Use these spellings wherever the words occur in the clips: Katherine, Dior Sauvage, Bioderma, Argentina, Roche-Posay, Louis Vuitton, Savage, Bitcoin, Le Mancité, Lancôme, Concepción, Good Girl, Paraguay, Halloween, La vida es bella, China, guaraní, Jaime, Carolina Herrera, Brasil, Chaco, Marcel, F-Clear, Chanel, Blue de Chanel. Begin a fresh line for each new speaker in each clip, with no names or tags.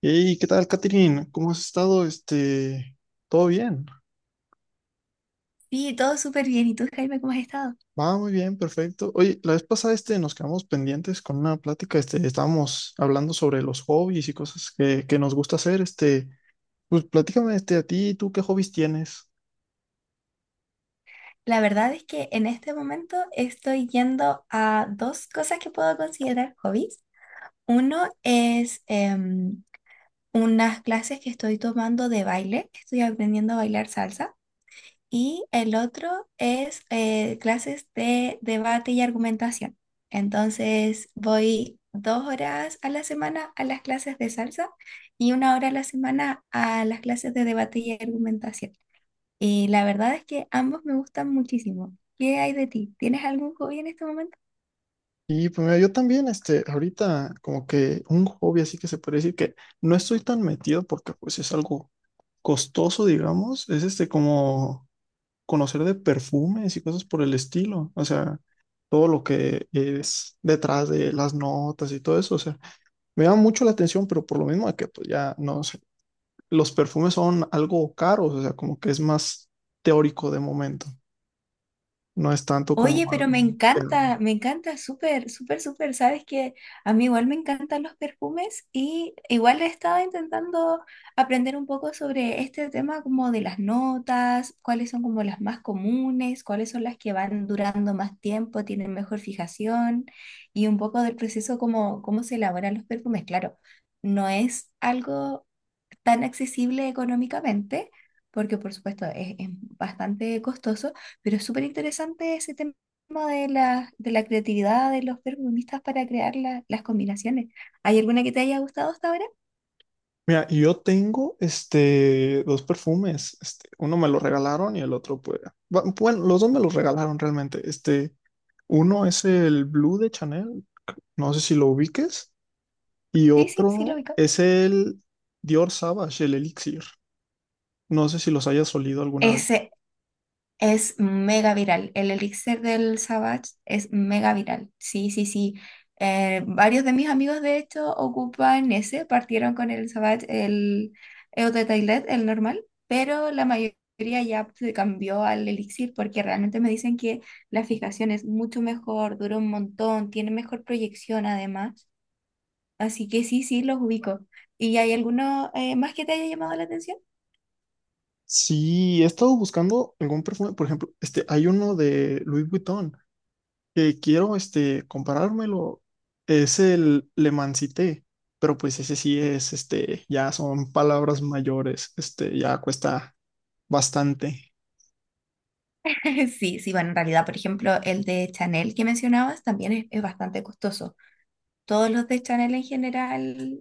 Hey, ¿qué tal, Katherine? ¿Cómo has estado? Todo bien.
Sí, todo súper bien. ¿Y tú, Jaime, cómo has estado?
Va muy bien, perfecto. Oye, la vez pasada nos quedamos pendientes con una plática. Estábamos hablando sobre los hobbies y cosas que nos gusta hacer. Pues platícame a ti, ¿tú qué hobbies tienes?
La verdad es que en este momento estoy yendo a dos cosas que puedo considerar hobbies. Uno es unas clases que estoy tomando de baile. Estoy aprendiendo a bailar salsa. Y el otro es clases de debate y argumentación. Entonces voy 2 horas a la semana a las clases de salsa y 1 hora a la semana a las clases de debate y argumentación. Y la verdad es que ambos me gustan muchísimo. ¿Qué hay de ti? ¿Tienes algún hobby en este momento?
Pues mira, yo también, ahorita como que un hobby así que se puede decir que no estoy tan metido porque pues es algo costoso, digamos. Es como conocer de perfumes y cosas por el estilo, o sea, todo lo que es detrás de las notas y todo eso, o sea, me llama mucho la atención, pero por lo mismo de que pues ya no sé, los perfumes son algo caros, o sea, como que es más teórico de momento, no es tanto como
Oye, pero
algo que-
me encanta, súper, súper, súper. Sabes que a mí igual me encantan los perfumes y igual he estado intentando aprender un poco sobre este tema como de las notas, cuáles son como las más comunes, cuáles son las que van durando más tiempo, tienen mejor fijación y un poco del proceso como cómo se elaboran los perfumes. Claro, no es algo tan accesible económicamente, porque por supuesto es bastante costoso, pero es súper interesante ese tema de la creatividad de los perfumistas para crear las combinaciones. ¿Hay alguna que te haya gustado hasta ahora?
Mira, y yo tengo dos perfumes, uno me lo regalaron y el otro pues bueno, los dos me los regalaron realmente. Uno es el Blue de Chanel, no sé si lo ubiques. Y
Sí, sí, sí, lo
otro
ubico.
es el Dior Sauvage el Elixir. No sé si los hayas olido alguna vez.
Ese, Es mega viral. El elixir del Savage es mega viral. Sí, sí, sí. Varios de mis amigos, de hecho, ocupan ese. Partieron con el Savage, el Eau de Toilette, el normal, pero la mayoría ya se cambió al elixir porque realmente me dicen que la fijación es mucho mejor, dura un montón, tiene mejor proyección además. Así que sí, sí, los ubico. ¿Y hay alguno más que te haya llamado la atención?
Sí, he estado buscando algún perfume. Por ejemplo, hay uno de Louis Vuitton que quiero comparármelo. Es el Le Mancité, pero pues ese sí es, ya son palabras mayores, ya cuesta bastante.
Sí, sí, bueno, en realidad, por ejemplo, el de Chanel que mencionabas también es bastante costoso. Todos los de Chanel en general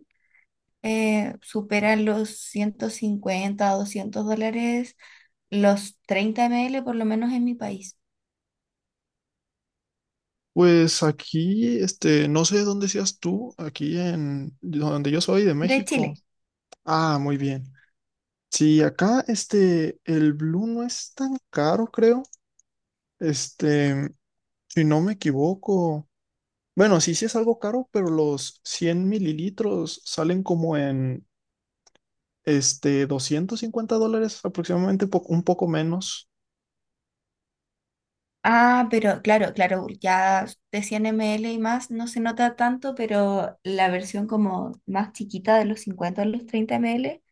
superan los 150 o $200, los 30 ml por lo menos en mi país,
Pues aquí, no sé dónde seas tú, aquí en donde yo soy de
de Chile.
México. Ah, muy bien. Sí, acá el Blue no es tan caro, creo. Este, si no me equivoco. Bueno, sí, sí es algo caro, pero los 100 ml salen como en $250 aproximadamente, un poco menos.
Ah, pero claro, claro, ya de 100 ml y más no se nota tanto, pero la versión como más chiquita de los 50 o los 30 ml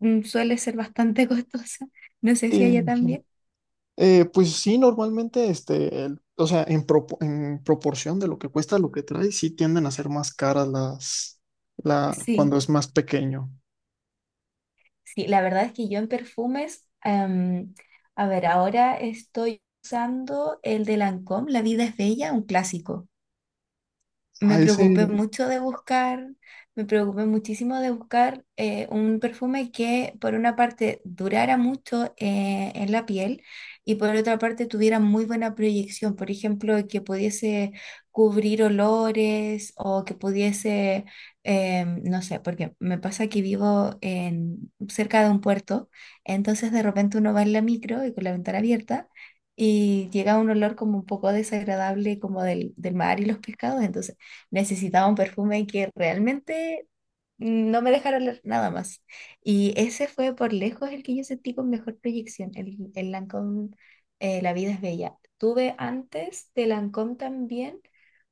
suele ser bastante costosa. No sé si
Sí, me
allá
imagino.
también.
Pues sí, normalmente, o sea, en, en proporción de lo que cuesta lo que trae, sí tienden a ser más caras la, cuando
Sí.
es más pequeño.
Sí, la verdad es que yo en perfumes, a ver, ahora estoy usando el de Lancôme, La vida es bella, un clásico. me
A
preocupé
ese.
mucho de buscar, me preocupé muchísimo de buscar un perfume que por una parte durara mucho en la piel y por otra parte tuviera muy buena proyección, por ejemplo, que pudiese cubrir olores o que pudiese, no sé, porque me pasa que vivo cerca de un puerto, entonces de repente uno va en la micro y con la ventana abierta. Y llega un olor como un poco desagradable como del mar y los pescados, entonces necesitaba un perfume que realmente no me dejara oler nada más. Y ese fue por lejos el que yo sentí con mejor proyección, el Lancôme La vida es bella. Tuve antes de Lancôme también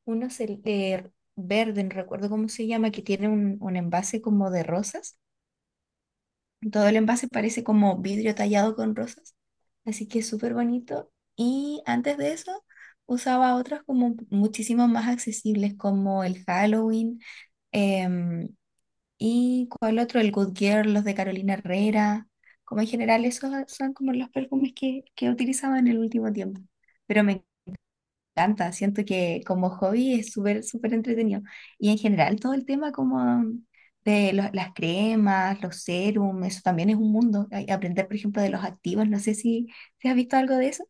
unos verde, no recuerdo cómo se llama, que tiene un envase como de rosas. Todo el envase parece como vidrio tallado con rosas, así que es súper bonito. Y antes de eso usaba otros como muchísimo más accesibles, como el Halloween. Em, ¿Y cuál otro? El Good Girl, los de Carolina Herrera. Como en general, esos son como los perfumes que he utilizado en el último tiempo. Pero me encanta, siento que como hobby es súper, súper entretenido. Y en general, todo el tema como de los- las cremas, los serums, eso también es un mundo. Ay, aprender, por ejemplo, de los activos, no sé si has visto algo de eso.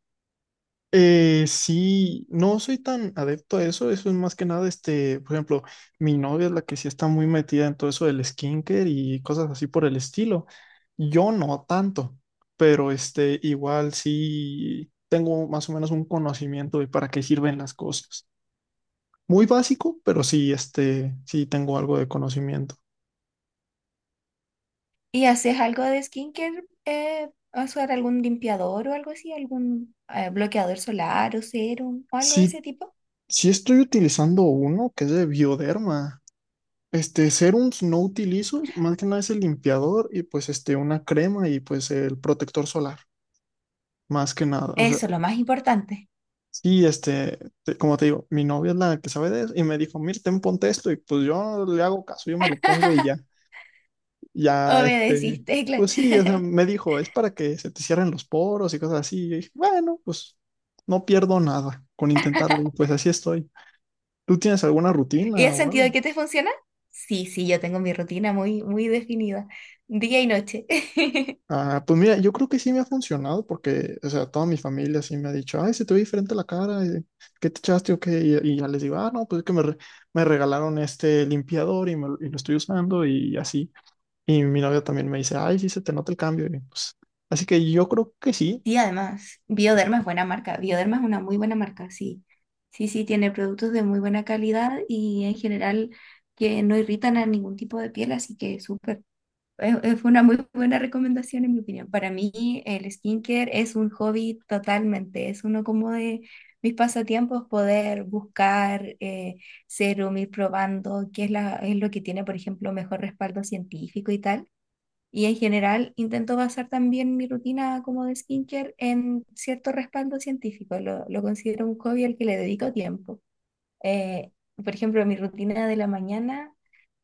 Sí, no soy tan adepto a eso, eso es más que nada, por ejemplo, mi novia es la que sí está muy metida en todo eso del skincare y cosas así por el estilo. Yo no tanto, pero igual sí tengo más o menos un conocimiento de para qué sirven las cosas. Muy básico, pero sí, sí tengo algo de conocimiento.
¿Y haces algo de skincare? ¿Usar algún limpiador o algo así? ¿Algún bloqueador solar o serum o algo de
Sí,
ese tipo?
sí estoy utilizando uno que es de Bioderma. Serums no utilizo, más que nada es el limpiador y pues una crema y pues el protector solar, más que nada. O sea,
Eso es lo más importante.
sí, como te digo, mi novia es la que sabe de eso y me dijo, mira, ten, ponte esto y pues yo le hago caso, yo me lo pongo y ya, ya,
Obedeciste, claro.
pues sí, o sea, me dijo, es para que se te cierren los poros y cosas así. Yo dije, bueno, pues no pierdo nada con intentarlo y pues así estoy. ¿Tú tienes alguna
¿Y
rutina
has
o algo?
sentido que te funciona? Sí, sí, yo tengo mi rutina muy, muy definida, día y noche.
Ah, pues mira, yo creo que sí me ha funcionado porque, o sea, toda mi familia sí me ha dicho, ay, se te ve diferente la cara, ¿qué te echaste o qué? Y ya les digo, ah, no, pues es que me regalaron este limpiador me lo y lo estoy usando y así. Y mi novia también me dice, ay, sí, se te nota el cambio. Y pues, así que yo creo que sí.
Y además, Bioderma es buena marca. Bioderma es una muy buena marca, sí. Sí, sí, tiene productos de muy buena calidad y en general que no irritan a ningún tipo de piel, así que súper. Es una muy buena recomendación en mi opinión. Para mí el skincare es un hobby totalmente, es uno como de mis pasatiempos poder buscar serum, ir probando qué es, es lo que tiene, por ejemplo, mejor respaldo científico y tal. Y en general intento basar también mi rutina como de skincare en cierto respaldo científico. Lo considero un hobby al que le dedico tiempo. Eh, por ejemplo, mi rutina de la mañana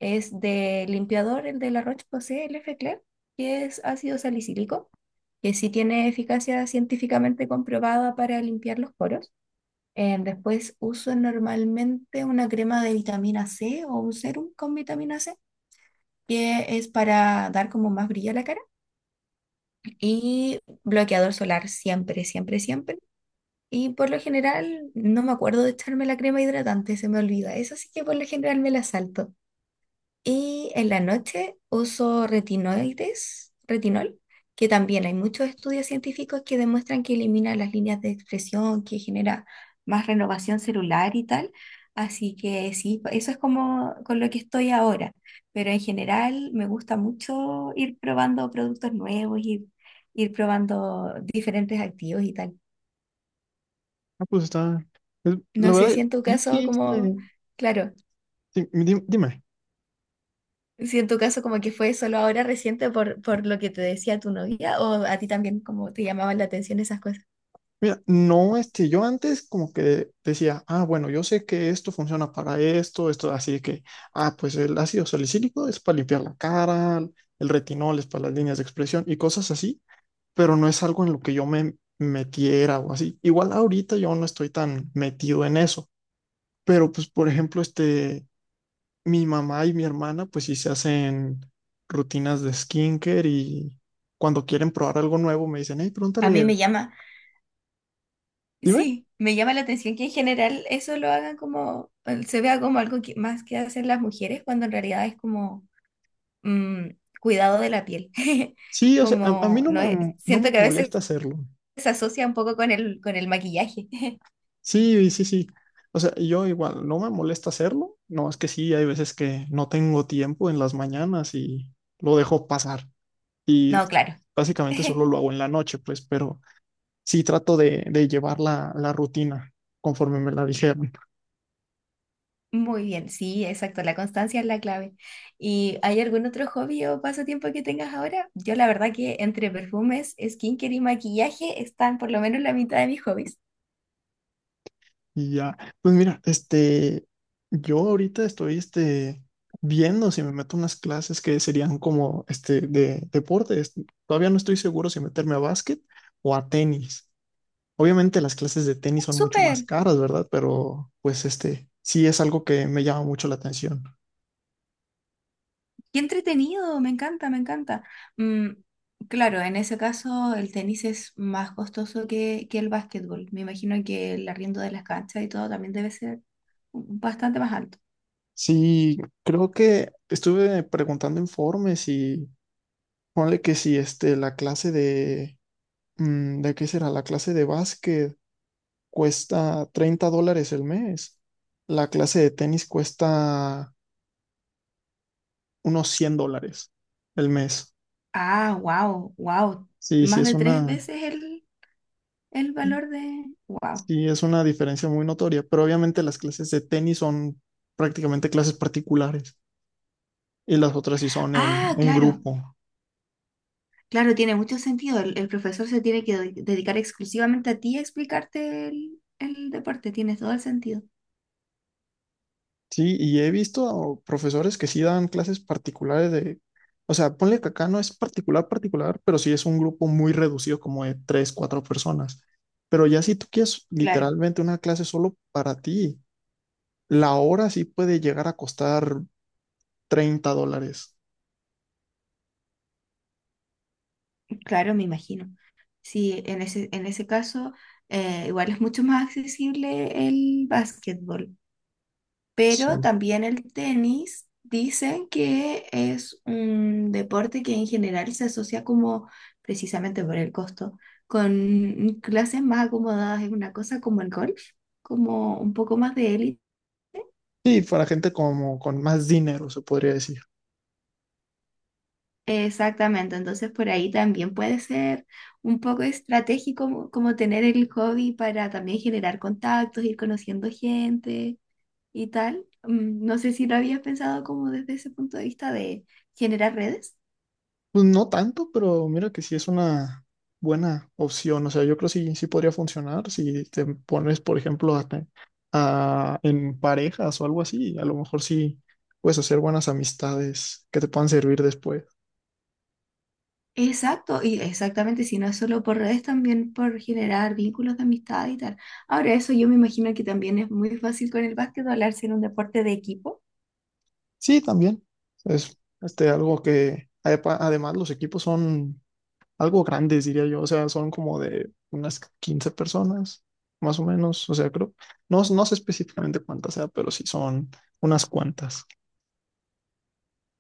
es de limpiador, el de la Roche-Posay, el F-Clear, que es ácido salicílico, que sí tiene eficacia científicamente comprobada para limpiar los poros. Después uso normalmente una crema de vitamina C o un serum con vitamina C, que es para dar como más brillo a la cara. Y bloqueador solar siempre, siempre, siempre. Y por lo general no me acuerdo de echarme la crema hidratante, se me olvida. Eso sí que por lo general me la salto. Y en la noche uso retinoides, retinol, que también hay muchos estudios científicos que demuestran que elimina las líneas de expresión, que genera más renovación celular y tal. Así que sí, pues, eso es como con lo que estoy ahora. Pero en general me gusta mucho ir probando productos nuevos, ir, ir probando diferentes activos y tal.
Ah, pues está, la
No sé
verdad,
si en tu
yo sí,
caso, como, claro.
sí, dime.
Si en tu caso como que fue solo ahora reciente por lo que te decía tu novia o a ti también como te llamaban la atención esas cosas.
Mira, no, yo antes como que decía, ah, bueno, yo sé que esto funciona para esto, esto, así que, ah, pues el ácido salicílico es para limpiar la cara, el retinol es para las líneas de expresión y cosas así, pero no es algo en lo que yo me metiera o así. Igual ahorita yo no estoy tan metido en eso, pero pues, por ejemplo, mi mamá y mi hermana, pues sí se hacen rutinas de skincare y cuando quieren probar algo nuevo me dicen, hey,
A
pregúntale,
mí me llama,
dime.
sí, me llama la atención que en general eso lo hagan como, se vea como algo que, más que hacen las mujeres cuando en realidad es como mm, cuidado de la piel.
Sí, o sea, a mí
Como, no es,
no me
siento que a veces
molesta hacerlo.
se asocia un poco con el maquillaje.
Sí, sí, sí. O sea, yo igual, no me molesta hacerlo. No, es que sí, hay veces que no tengo tiempo en las mañanas y lo dejo pasar. Y
No, claro.
básicamente solo lo hago en la noche, pues, pero sí trato de llevar la rutina conforme me la dijeron.
Muy bien, sí, exacto, la constancia es la clave. ¿Y hay algún otro hobby o pasatiempo que tengas ahora? Yo la verdad que entre perfumes, skincare y maquillaje están por lo menos la mitad de mis hobbies.
Y ya, pues mira, yo ahorita estoy, viendo si me meto a unas clases que serían como, de deportes. Todavía no estoy seguro si meterme a básquet o a tenis. Obviamente las clases de tenis son mucho más
Súper,
caras, ¿verdad? Pero, pues, sí es algo que me llama mucho la atención.
qué entretenido, me encanta, me encanta. Mm, claro, en ese caso el tenis es más costoso que el básquetbol. Me imagino que el arriendo de las canchas y todo también debe ser bastante más alto.
Sí, creo que estuve preguntando informes y ponle que si, la clase de, ¿de qué será? La clase de básquet cuesta $30 el mes. La clase de tenis cuesta unos $100 el mes.
Ah, wow, wow,
Sí, sí
más
es
de tres
una,
veces el valor de... Wow.
sí es una diferencia muy notoria, pero obviamente las clases de tenis son prácticamente clases particulares y las otras sí son
Ah,
en
claro,
grupo.
claro, tiene mucho sentido. El profesor se tiene que dedicar exclusivamente a ti a explicarte el deporte, tiene todo el sentido.
Sí, y he visto profesores que sí dan clases particulares de, o sea, ponle que acá no es particular, particular, pero sí es un grupo muy reducido, como de tres, cuatro personas. Pero ya si tú quieres
Claro,
literalmente una clase solo para ti, la hora sí puede llegar a costar $30.
claro, me imagino. Sí, en ese caso, igual es mucho más accesible el básquetbol. Pero
Sí.
también el tenis dicen que es un deporte que en general se asocia como, precisamente por el costo, con clases más acomodadas. Es una cosa como el golf, como un poco más de élite.
Sí, para gente como con más dinero, se podría decir.
Exactamente, entonces por ahí también puede ser un poco estratégico como, como tener el hobby para también generar contactos, ir conociendo gente y tal. No sé si lo habías pensado como desde ese punto de vista de generar redes.
Pues no tanto, pero mira que sí es una buena opción. O sea, yo creo que sí, sí podría funcionar si te pones, por ejemplo, en parejas o algo así. A lo mejor sí puedes hacer buenas amistades que te puedan servir después.
Exacto, y exactamente, si no es solo por redes, también por generar vínculos de amistad y tal. Ahora, eso yo me imagino que también es muy fácil con el básquet hablarse en un deporte de equipo.
Sí, también. Es algo que, además, los equipos son algo grandes, diría yo. O sea, son como de unas 15 personas, más o menos. O sea, creo, no, no sé específicamente cuántas sea, pero sí son unas cuantas.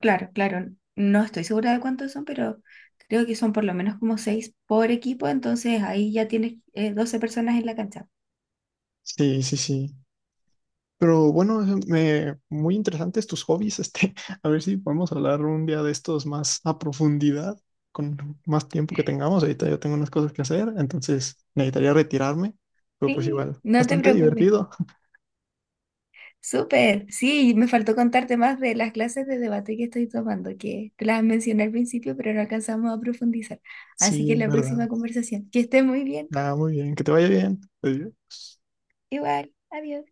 Claro, claro, no estoy segura de cuántos son, pero creo que son por lo menos como seis por equipo, entonces ahí ya tienes 12 personas en la cancha.
Sí, sí, sí. Pero bueno, muy interesantes tus hobbies, a ver si podemos hablar un día de estos más a profundidad, con más tiempo que tengamos. Ahorita yo tengo unas cosas que hacer, entonces necesitaría retirarme, pero pues
Sí,
igual,
no te
bastante
preocupes.
divertido.
Súper, sí, me faltó contarte más de las clases de debate que estoy tomando, que te las mencioné al principio, pero no alcanzamos a profundizar. Así
Sí,
que
es
la próxima
verdad.
conversación, que estés muy bien.
Ah, muy bien, que te vaya bien. Adiós.
Igual, adiós.